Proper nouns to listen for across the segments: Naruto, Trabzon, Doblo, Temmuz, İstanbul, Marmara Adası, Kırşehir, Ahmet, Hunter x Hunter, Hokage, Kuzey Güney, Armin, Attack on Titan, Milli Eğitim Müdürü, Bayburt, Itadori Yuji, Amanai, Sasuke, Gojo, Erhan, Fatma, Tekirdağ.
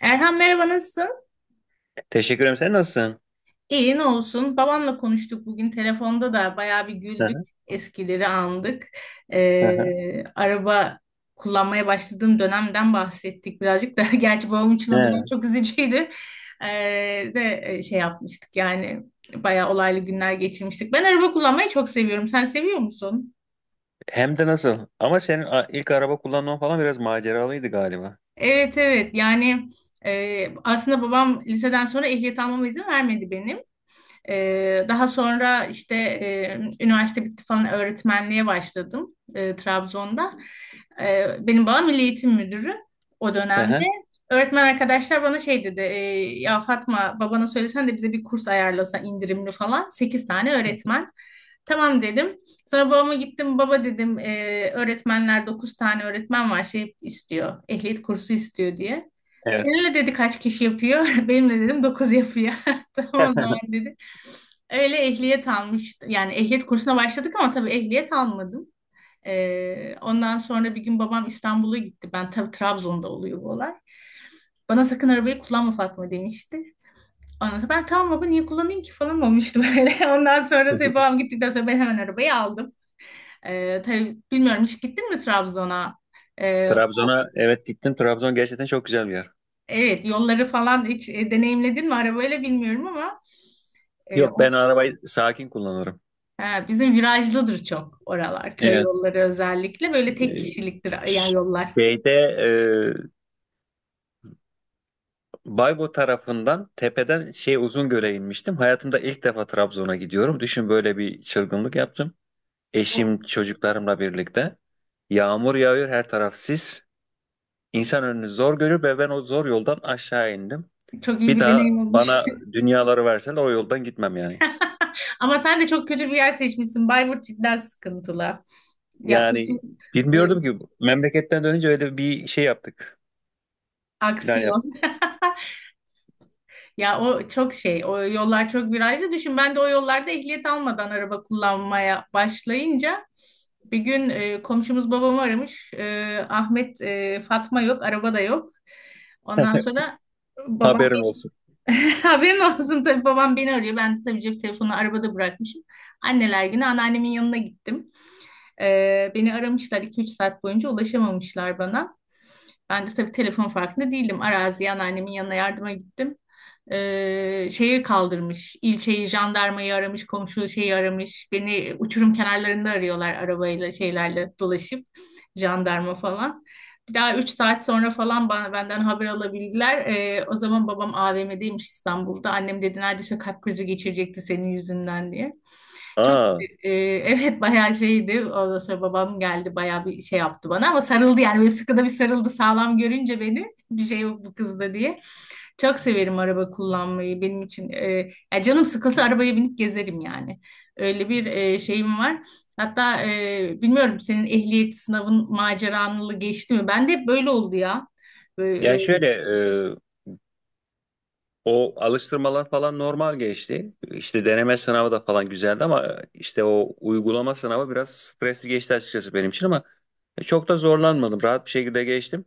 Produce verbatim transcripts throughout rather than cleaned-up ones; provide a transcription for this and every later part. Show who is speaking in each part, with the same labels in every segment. Speaker 1: Erhan merhaba, nasılsın?
Speaker 2: Teşekkür ederim. Sen nasılsın?
Speaker 1: İyi, ne olsun. Babamla konuştuk bugün telefonda da bayağı bir
Speaker 2: Hı
Speaker 1: güldük.
Speaker 2: hı,
Speaker 1: Eskileri andık.
Speaker 2: hı hı.
Speaker 1: Ee, araba kullanmaya başladığım dönemden bahsettik birazcık da. Gerçi babam için o dönem
Speaker 2: He,
Speaker 1: çok üzücüydü. Ee, de e, şey yapmıştık yani bayağı olaylı günler geçirmiştik. Ben araba kullanmayı çok seviyorum. Sen seviyor musun?
Speaker 2: hem de nasıl? Ama senin a- ilk araba kullanman falan biraz maceralıydı galiba.
Speaker 1: Evet, evet, yani e, aslında babam liseden sonra ehliyet almama izin vermedi benim. Ee, daha sonra işte e, üniversite bitti falan, öğretmenliğe başladım e, Trabzon'da. Ee, benim babam Milli Eğitim Müdürü o
Speaker 2: Hı
Speaker 1: dönemde.
Speaker 2: hı.
Speaker 1: Öğretmen arkadaşlar bana şey dedi, e, ya Fatma, babana söylesen de bize bir kurs ayarlasa indirimli falan. Sekiz tane öğretmen. Tamam dedim. Sonra babama gittim. Baba dedim, e, öğretmenler, dokuz tane öğretmen var, şey istiyor. Ehliyet kursu istiyor diye.
Speaker 2: Evet.
Speaker 1: Seninle dedi kaç kişi yapıyor? Benimle dedim dokuz yapıyor. Tamam o zaman dedi. Öyle ehliyet almıştım. Yani ehliyet kursuna başladık ama tabii ehliyet almadım. Ee, ondan sonra bir gün babam İstanbul'a gitti. Ben tabii Trabzon'da oluyor bu olay. Bana sakın arabayı kullanma Fatma demişti. Ondan sonra ben tamam baba niye kullanayım ki falan olmuştu böyle. Ondan sonra tabii babam gittikten sonra ben hemen arabayı aldım. Ee, tabii bilmiyorum, hiç gittin mi Trabzon'a? Ee,
Speaker 2: Trabzon'a evet gittim. Trabzon gerçekten çok güzel bir yer.
Speaker 1: evet, yolları falan hiç e, deneyimledin mi arabayla bilmiyorum ama e,
Speaker 2: Yok,
Speaker 1: o,
Speaker 2: ben arabayı sakin kullanırım.
Speaker 1: ha, bizim virajlıdır çok oralar. Köy
Speaker 2: Evet.
Speaker 1: yolları özellikle böyle tek
Speaker 2: Ee,
Speaker 1: kişiliktir yani
Speaker 2: ş-
Speaker 1: yollar.
Speaker 2: Şeyde e, Baybo tarafından tepeden şey Uzungöl'e inmiştim. Hayatımda ilk defa Trabzon'a gidiyorum. Düşün, böyle bir çılgınlık yaptım.
Speaker 1: O
Speaker 2: Eşim çocuklarımla birlikte. Yağmur yağıyor, her taraf sis. İnsan önünü zor görür ve ben o zor yoldan aşağı indim.
Speaker 1: çok iyi
Speaker 2: Bir
Speaker 1: bir
Speaker 2: daha
Speaker 1: deneyim olmuş.
Speaker 2: bana dünyaları verseler o yoldan gitmem yani.
Speaker 1: Ama sen de çok kötü bir yer seçmişsin. Bayburt cidden sıkıntılı. Ya uzun
Speaker 2: Yani
Speaker 1: e,
Speaker 2: bilmiyordum ki, memleketten dönünce öyle bir şey yaptık. Plan
Speaker 1: aksiyon.
Speaker 2: yaptık.
Speaker 1: Ya o çok şey. O yollar çok virajlı. Düşün, ben de o yollarda ehliyet almadan araba kullanmaya başlayınca bir gün e, komşumuz babamı aramış. E, Ahmet, e, Fatma yok, araba da yok. Ondan sonra babam
Speaker 2: Haberin olsun.
Speaker 1: haberin olsun, tabii babam beni arıyor. Ben de tabii cep telefonu arabada bırakmışım. Anneler günü anneannemin yanına gittim. Ee, beni aramışlar iki üç saat boyunca, ulaşamamışlar bana. Ben de tabii telefon farkında değildim. Araziye anneannemin yanına yardıma gittim. Ee, şeyi kaldırmış, ilçeyi, jandarmayı aramış, komşu şeyi aramış. Beni uçurum kenarlarında arıyorlar arabayla, şeylerle dolaşıp, jandarma falan. Bir daha üç saat sonra falan bana, benden haber alabildiler. Ee, o zaman babam A V M'deymiş İstanbul'da. Annem dedi neredeyse kalp krizi geçirecekti senin yüzünden diye. Çok
Speaker 2: Aa,
Speaker 1: e, evet bayağı şeydi. Ondan sonra babam geldi, bayağı bir şey yaptı bana ama sarıldı yani, böyle sıkıda bir sarıldı sağlam görünce beni bir şey yok bu kızda diye. Çok severim araba kullanmayı, benim için. E, ya canım sıkılsa arabaya binip gezerim yani. Öyle bir e, şeyim var. Hatta e, bilmiyorum, senin ehliyet sınavın maceranlı geçti mi? Ben de hep böyle oldu ya. Böyle, e,
Speaker 2: yani şöyle e, o alıştırmalar falan normal geçti. İşte deneme sınavı da falan güzeldi ama e, işte o uygulama sınavı biraz stresli geçti açıkçası benim için ama e, çok da zorlanmadım. Rahat bir şekilde geçtim.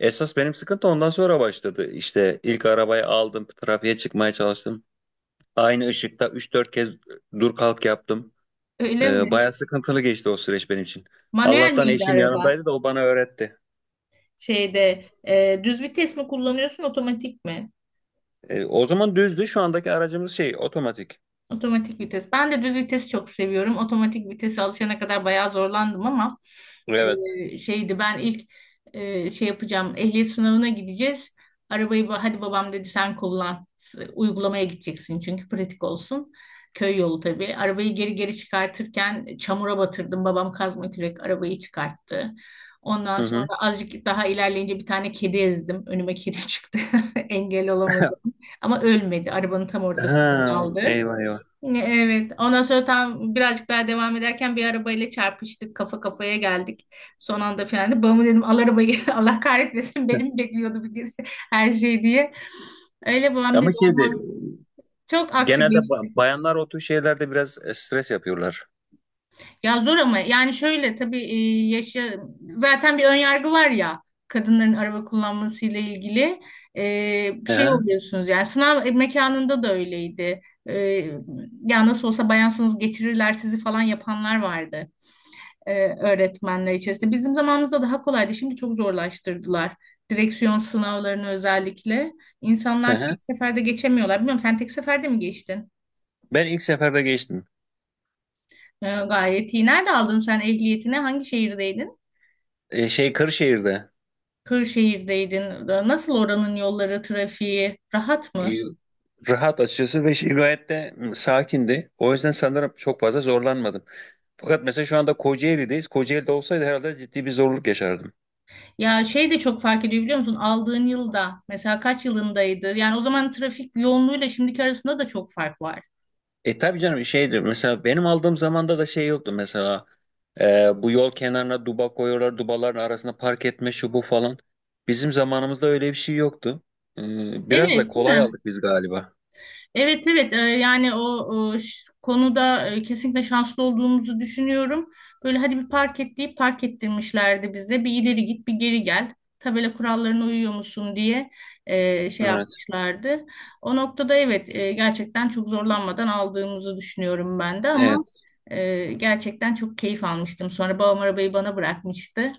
Speaker 2: Esas benim sıkıntı ondan sonra başladı. İşte ilk arabayı aldım, trafiğe çıkmaya çalıştım. Aynı ışıkta üç dört kez e, dur kalk yaptım.
Speaker 1: öyle
Speaker 2: Ee,
Speaker 1: mi?
Speaker 2: bayağı sıkıntılı geçti o süreç benim için.
Speaker 1: Manuel
Speaker 2: Allah'tan
Speaker 1: miydi
Speaker 2: eşim
Speaker 1: araba?
Speaker 2: yanımdaydı da o bana öğretti.
Speaker 1: Şeyde e, düz vites mi kullanıyorsun, otomatik mi?
Speaker 2: Ee, o zaman düzdü. Şu andaki aracımız şey otomatik.
Speaker 1: Otomatik vites. Ben de düz vitesi çok seviyorum. Otomatik vitese alışana kadar bayağı zorlandım ama
Speaker 2: Evet.
Speaker 1: e, şeydi, ben ilk e, şey yapacağım. Ehliyet sınavına gideceğiz. Arabayı ba- hadi babam dedi sen kullan. S- Uygulamaya gideceksin çünkü pratik olsun. Köy yolu tabii. Arabayı geri geri çıkartırken çamura batırdım. Babam kazma kürek arabayı çıkarttı. Ondan
Speaker 2: Hı
Speaker 1: sonra
Speaker 2: hı.
Speaker 1: azıcık daha ilerleyince bir tane kedi ezdim. Önüme kedi çıktı. Engel olamadım. Ama ölmedi. Arabanın tam
Speaker 2: Ha,
Speaker 1: ortasında kaldı.
Speaker 2: eyvah eyvah.
Speaker 1: Evet. Ondan sonra tam birazcık daha devam ederken bir arabayla çarpıştık. Kafa kafaya geldik. Son anda frenledim. Babama dedim al arabayı. Allah kahretmesin,
Speaker 2: Heh.
Speaker 1: benim bekliyordu bir gün her şey diye. Öyle babam dedi
Speaker 2: Ama şeyde
Speaker 1: olmaz. Çok aksi
Speaker 2: genelde ba-
Speaker 1: geçti.
Speaker 2: bayanlar o tür şeylerde biraz e, stres yapıyorlar.
Speaker 1: Ya zor ama yani şöyle tabii e, yaşa zaten bir ön yargı var ya kadınların araba kullanmasıyla ilgili. E, bir
Speaker 2: Hı
Speaker 1: şey
Speaker 2: hı,
Speaker 1: oluyorsunuz yani sınav mekanında da öyleydi. E, ya nasıl olsa bayansınız geçirirler sizi falan yapanlar vardı, e, öğretmenler içerisinde. Bizim zamanımızda daha kolaydı. Şimdi çok zorlaştırdılar. Direksiyon sınavlarını özellikle.
Speaker 2: hı
Speaker 1: İnsanlar
Speaker 2: hı.
Speaker 1: tek seferde geçemiyorlar. Bilmiyorum, sen tek seferde mi geçtin?
Speaker 2: Ben ilk seferde geçtim.
Speaker 1: E, gayet iyi. Nerede aldın sen ehliyetini? Hangi şehirdeydin?
Speaker 2: E, şey, Kırşehir'de,
Speaker 1: Kırşehir'deydin. E, nasıl oranın yolları, trafiği? Rahat
Speaker 2: e,
Speaker 1: mı?
Speaker 2: rahat açıkçası ve şey, gayet de m, sakindi. O yüzden sanırım çok fazla zorlanmadım. Fakat mesela şu anda Kocaeli'deyiz. Kocaeli'de olsaydı herhalde ciddi bir zorluk yaşardım.
Speaker 1: Ya şey de çok fark ediyor biliyor musun? Aldığın yılda, mesela kaç yılındaydı? Yani o zaman trafik yoğunluğuyla şimdiki arasında da çok fark var.
Speaker 2: E tabii canım, şeydir mesela benim aldığım zamanda da şey yoktu mesela, e, bu yol kenarına duba koyuyorlar, dubaların arasına park etme şu bu falan. Bizim zamanımızda öyle bir şey yoktu. E,
Speaker 1: Evet,
Speaker 2: Biraz da
Speaker 1: değil
Speaker 2: kolay
Speaker 1: mi?
Speaker 2: aldık biz galiba.
Speaker 1: Evet, evet, e, yani o, o ş- konuda e, kesinlikle şanslı olduğumuzu düşünüyorum. Böyle hadi bir park et deyip park ettirmişlerdi bize. Bir ileri git bir geri gel. Tabela kurallarına uyuyor musun diye e, şey
Speaker 2: Evet.
Speaker 1: yapmışlardı. O noktada evet, e, gerçekten çok zorlanmadan aldığımızı düşünüyorum ben de ama
Speaker 2: Evet,
Speaker 1: e, gerçekten çok keyif almıştım. Sonra babam arabayı bana bırakmıştı.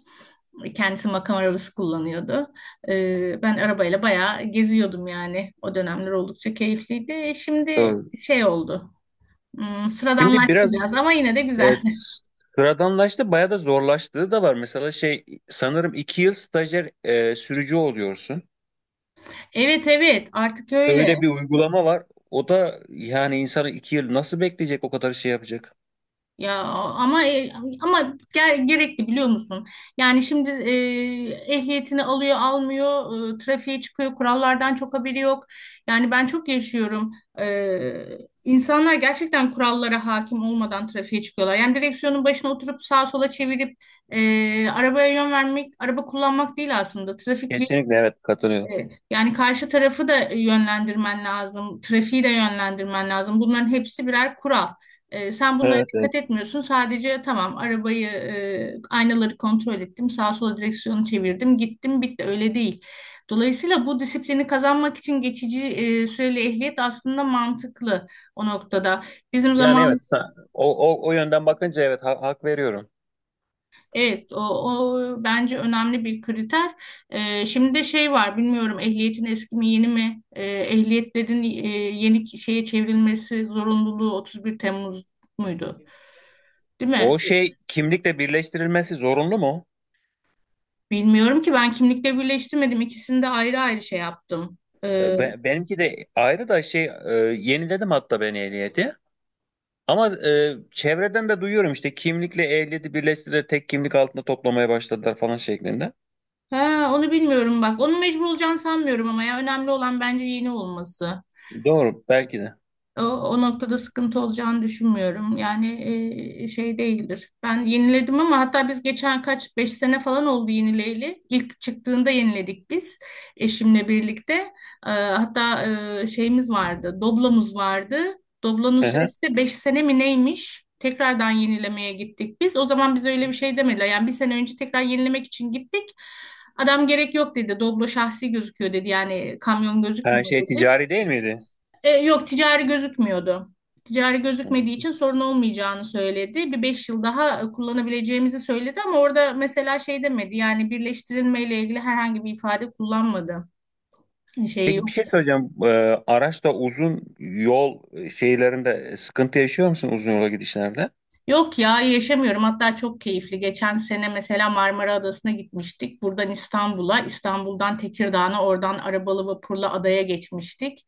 Speaker 1: Kendisi makam arabası kullanıyordu. Ee, ben arabayla bayağı geziyordum yani. O dönemler oldukça keyifliydi. Şimdi
Speaker 2: doğru.
Speaker 1: şey oldu. Hmm,
Speaker 2: Şimdi
Speaker 1: sıradanlaştı
Speaker 2: biraz
Speaker 1: biraz ama yine de güzel.
Speaker 2: evet, sıradanlaştı, bayağı da zorlaştığı da var. Mesela şey sanırım iki yıl stajyer e, sürücü oluyorsun.
Speaker 1: Evet, evet, artık öyle.
Speaker 2: Öyle bir uygulama var. O da yani insanı iki yıl nasıl bekleyecek o kadar şey yapacak?
Speaker 1: Ya ama e, ama ger- gerekli biliyor musun? Yani şimdi e, ehliyetini alıyor, almıyor, e, trafiğe çıkıyor, kurallardan çok haberi yok. Yani ben çok yaşıyorum. E, insanlar gerçekten kurallara hakim olmadan trafiğe çıkıyorlar. Yani direksiyonun başına oturup sağa sola çevirip e, arabaya yön vermek, araba kullanmak değil aslında. Trafik
Speaker 2: Kesinlikle evet, katılıyorum.
Speaker 1: e, Yani karşı tarafı da yönlendirmen lazım, trafiği de yönlendirmen lazım. Bunların hepsi birer kural. E, sen bunlara
Speaker 2: Evet,
Speaker 1: dikkat
Speaker 2: evet.
Speaker 1: etmiyorsun. Sadece tamam arabayı, e, aynaları kontrol ettim, sağa sola direksiyonu çevirdim, gittim, bitti. Öyle değil. Dolayısıyla bu disiplini kazanmak için geçici e, süreli ehliyet aslında mantıklı o noktada. Bizim
Speaker 2: Yani
Speaker 1: zaman.
Speaker 2: evet, sa- o, o, o yönden bakınca evet, ha- hak veriyorum.
Speaker 1: Evet, o, o bence önemli bir kriter. Ee, şimdi de şey var, bilmiyorum ehliyetin eski mi yeni mi? Ee, ehliyetlerin e, yeni ki- şeye çevrilmesi zorunluluğu otuz bir Temmuz muydu? Değil mi?
Speaker 2: O şey kimlikle birleştirilmesi zorunlu mu?
Speaker 1: Bilmiyorum ki ben kimlikle birleştirmedim. İkisini de ayrı ayrı şey yaptım. Ee,
Speaker 2: E, be- benimki de ayrı da şey e, yeniledim hatta ben ehliyeti. Ama e, çevreden de duyuyorum, işte kimlikle ehliyeti birleştirerek tek kimlik altında toplamaya başladılar falan şeklinde.
Speaker 1: ha, onu bilmiyorum bak. Onu mecbur olacağını sanmıyorum ama ya önemli olan bence yeni olması.
Speaker 2: Doğru, belki de.
Speaker 1: O, o noktada sıkıntı olacağını düşünmüyorum. Yani e, şey değildir. Ben yeniledim ama, hatta biz geçen kaç beş sene falan oldu yenileyli. İlk çıktığında yeniledik biz eşimle birlikte. E, hatta e, şeyimiz vardı, doblamız vardı. Doblanın
Speaker 2: Hı hı.
Speaker 1: süresi de beş sene mi neymiş? Tekrardan yenilemeye gittik biz. O zaman bize öyle bir şey demediler. Yani bir sene önce tekrar yenilemek için gittik. Adam gerek yok dedi. Doblo şahsi gözüküyor dedi. Yani kamyon
Speaker 2: Her
Speaker 1: gözükmüyor
Speaker 2: şey
Speaker 1: dedi.
Speaker 2: ticari değil miydi?
Speaker 1: E, yok, ticari gözükmüyordu. Ticari gözükmediği
Speaker 2: Hı.
Speaker 1: için sorun olmayacağını söyledi. Bir beş yıl daha e, kullanabileceğimizi söyledi ama orada mesela şey demedi. Yani birleştirilmeyle ilgili herhangi bir ifade kullanmadı. Şey
Speaker 2: Peki, bir
Speaker 1: yok.
Speaker 2: şey söyleyeceğim. E, araçta uzun yol şeylerinde sıkıntı yaşıyor musun, uzun yola gidişlerde?
Speaker 1: Yok ya, yaşamıyorum. Hatta çok keyifli. Geçen sene mesela Marmara Adası'na gitmiştik. Buradan İstanbul'a, İstanbul'dan Tekirdağ'a, oradan arabalı vapurla adaya geçmiştik.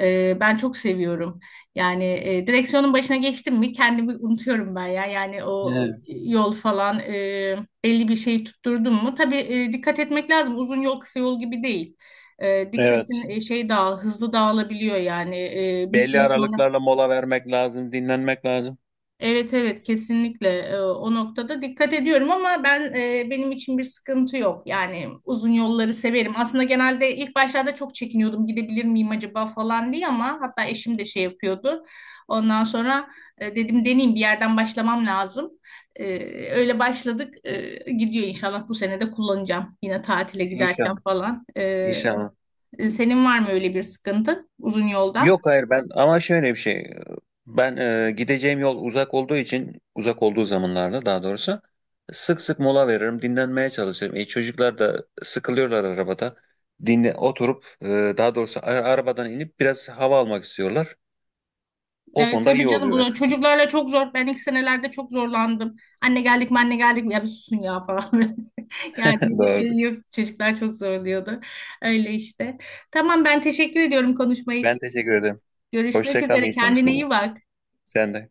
Speaker 1: Ee, ben çok seviyorum. Yani e, direksiyonun başına geçtim mi kendimi unutuyorum ben ya. Yani o
Speaker 2: He,
Speaker 1: yol falan e, belli bir şey tutturdum mu? Tabii e, dikkat etmek lazım. Uzun yol kısa yol gibi değil. E,
Speaker 2: evet.
Speaker 1: dikkatin e, şey dağıl, hızlı dağılabiliyor yani. E, bir
Speaker 2: Belli
Speaker 1: süre sonra
Speaker 2: aralıklarla mola vermek lazım, dinlenmek lazım.
Speaker 1: Evet, evet, kesinlikle. Ee, o noktada dikkat ediyorum ama ben e, benim için bir sıkıntı yok. Yani uzun yolları severim. Aslında genelde ilk başlarda çok çekiniyordum gidebilir miyim acaba falan diye ama hatta eşim de şey yapıyordu. Ondan sonra e, dedim deneyeyim, bir yerden başlamam lazım. Ee, öyle başladık. Ee, gidiyor, inşallah bu sene de kullanacağım yine tatile giderken
Speaker 2: İnşallah.
Speaker 1: falan. Ee,
Speaker 2: İnşallah.
Speaker 1: senin var mı öyle bir sıkıntı uzun yolda?
Speaker 2: Yok, hayır, ben ama şöyle bir şey. Ben e, gideceğim yol uzak olduğu için, uzak olduğu zamanlarda daha doğrusu sık sık mola veririm, dinlenmeye çalışırım. E, çocuklar da sıkılıyorlar arabada. Dinle oturup e, daha doğrusu a- arabadan inip biraz hava almak istiyorlar. O
Speaker 1: E,
Speaker 2: konuda
Speaker 1: tabii
Speaker 2: iyi
Speaker 1: canım
Speaker 2: oluyor
Speaker 1: bu
Speaker 2: açıkçası.
Speaker 1: çocuklarla çok zor. Ben ilk senelerde çok zorlandım. Anne geldik mi, anne geldik mi, ya bir susun ya falan. Yani bir
Speaker 2: Doğru.
Speaker 1: şey yok. Çocuklar çok zorluyordu. Öyle işte. Tamam, ben teşekkür ediyorum konuşma
Speaker 2: Ben
Speaker 1: için.
Speaker 2: teşekkür ederim.
Speaker 1: Görüşmek
Speaker 2: Hoşça kal,
Speaker 1: üzere.
Speaker 2: iyi
Speaker 1: Kendine
Speaker 2: çalışmalar.
Speaker 1: iyi bak.
Speaker 2: Sen de.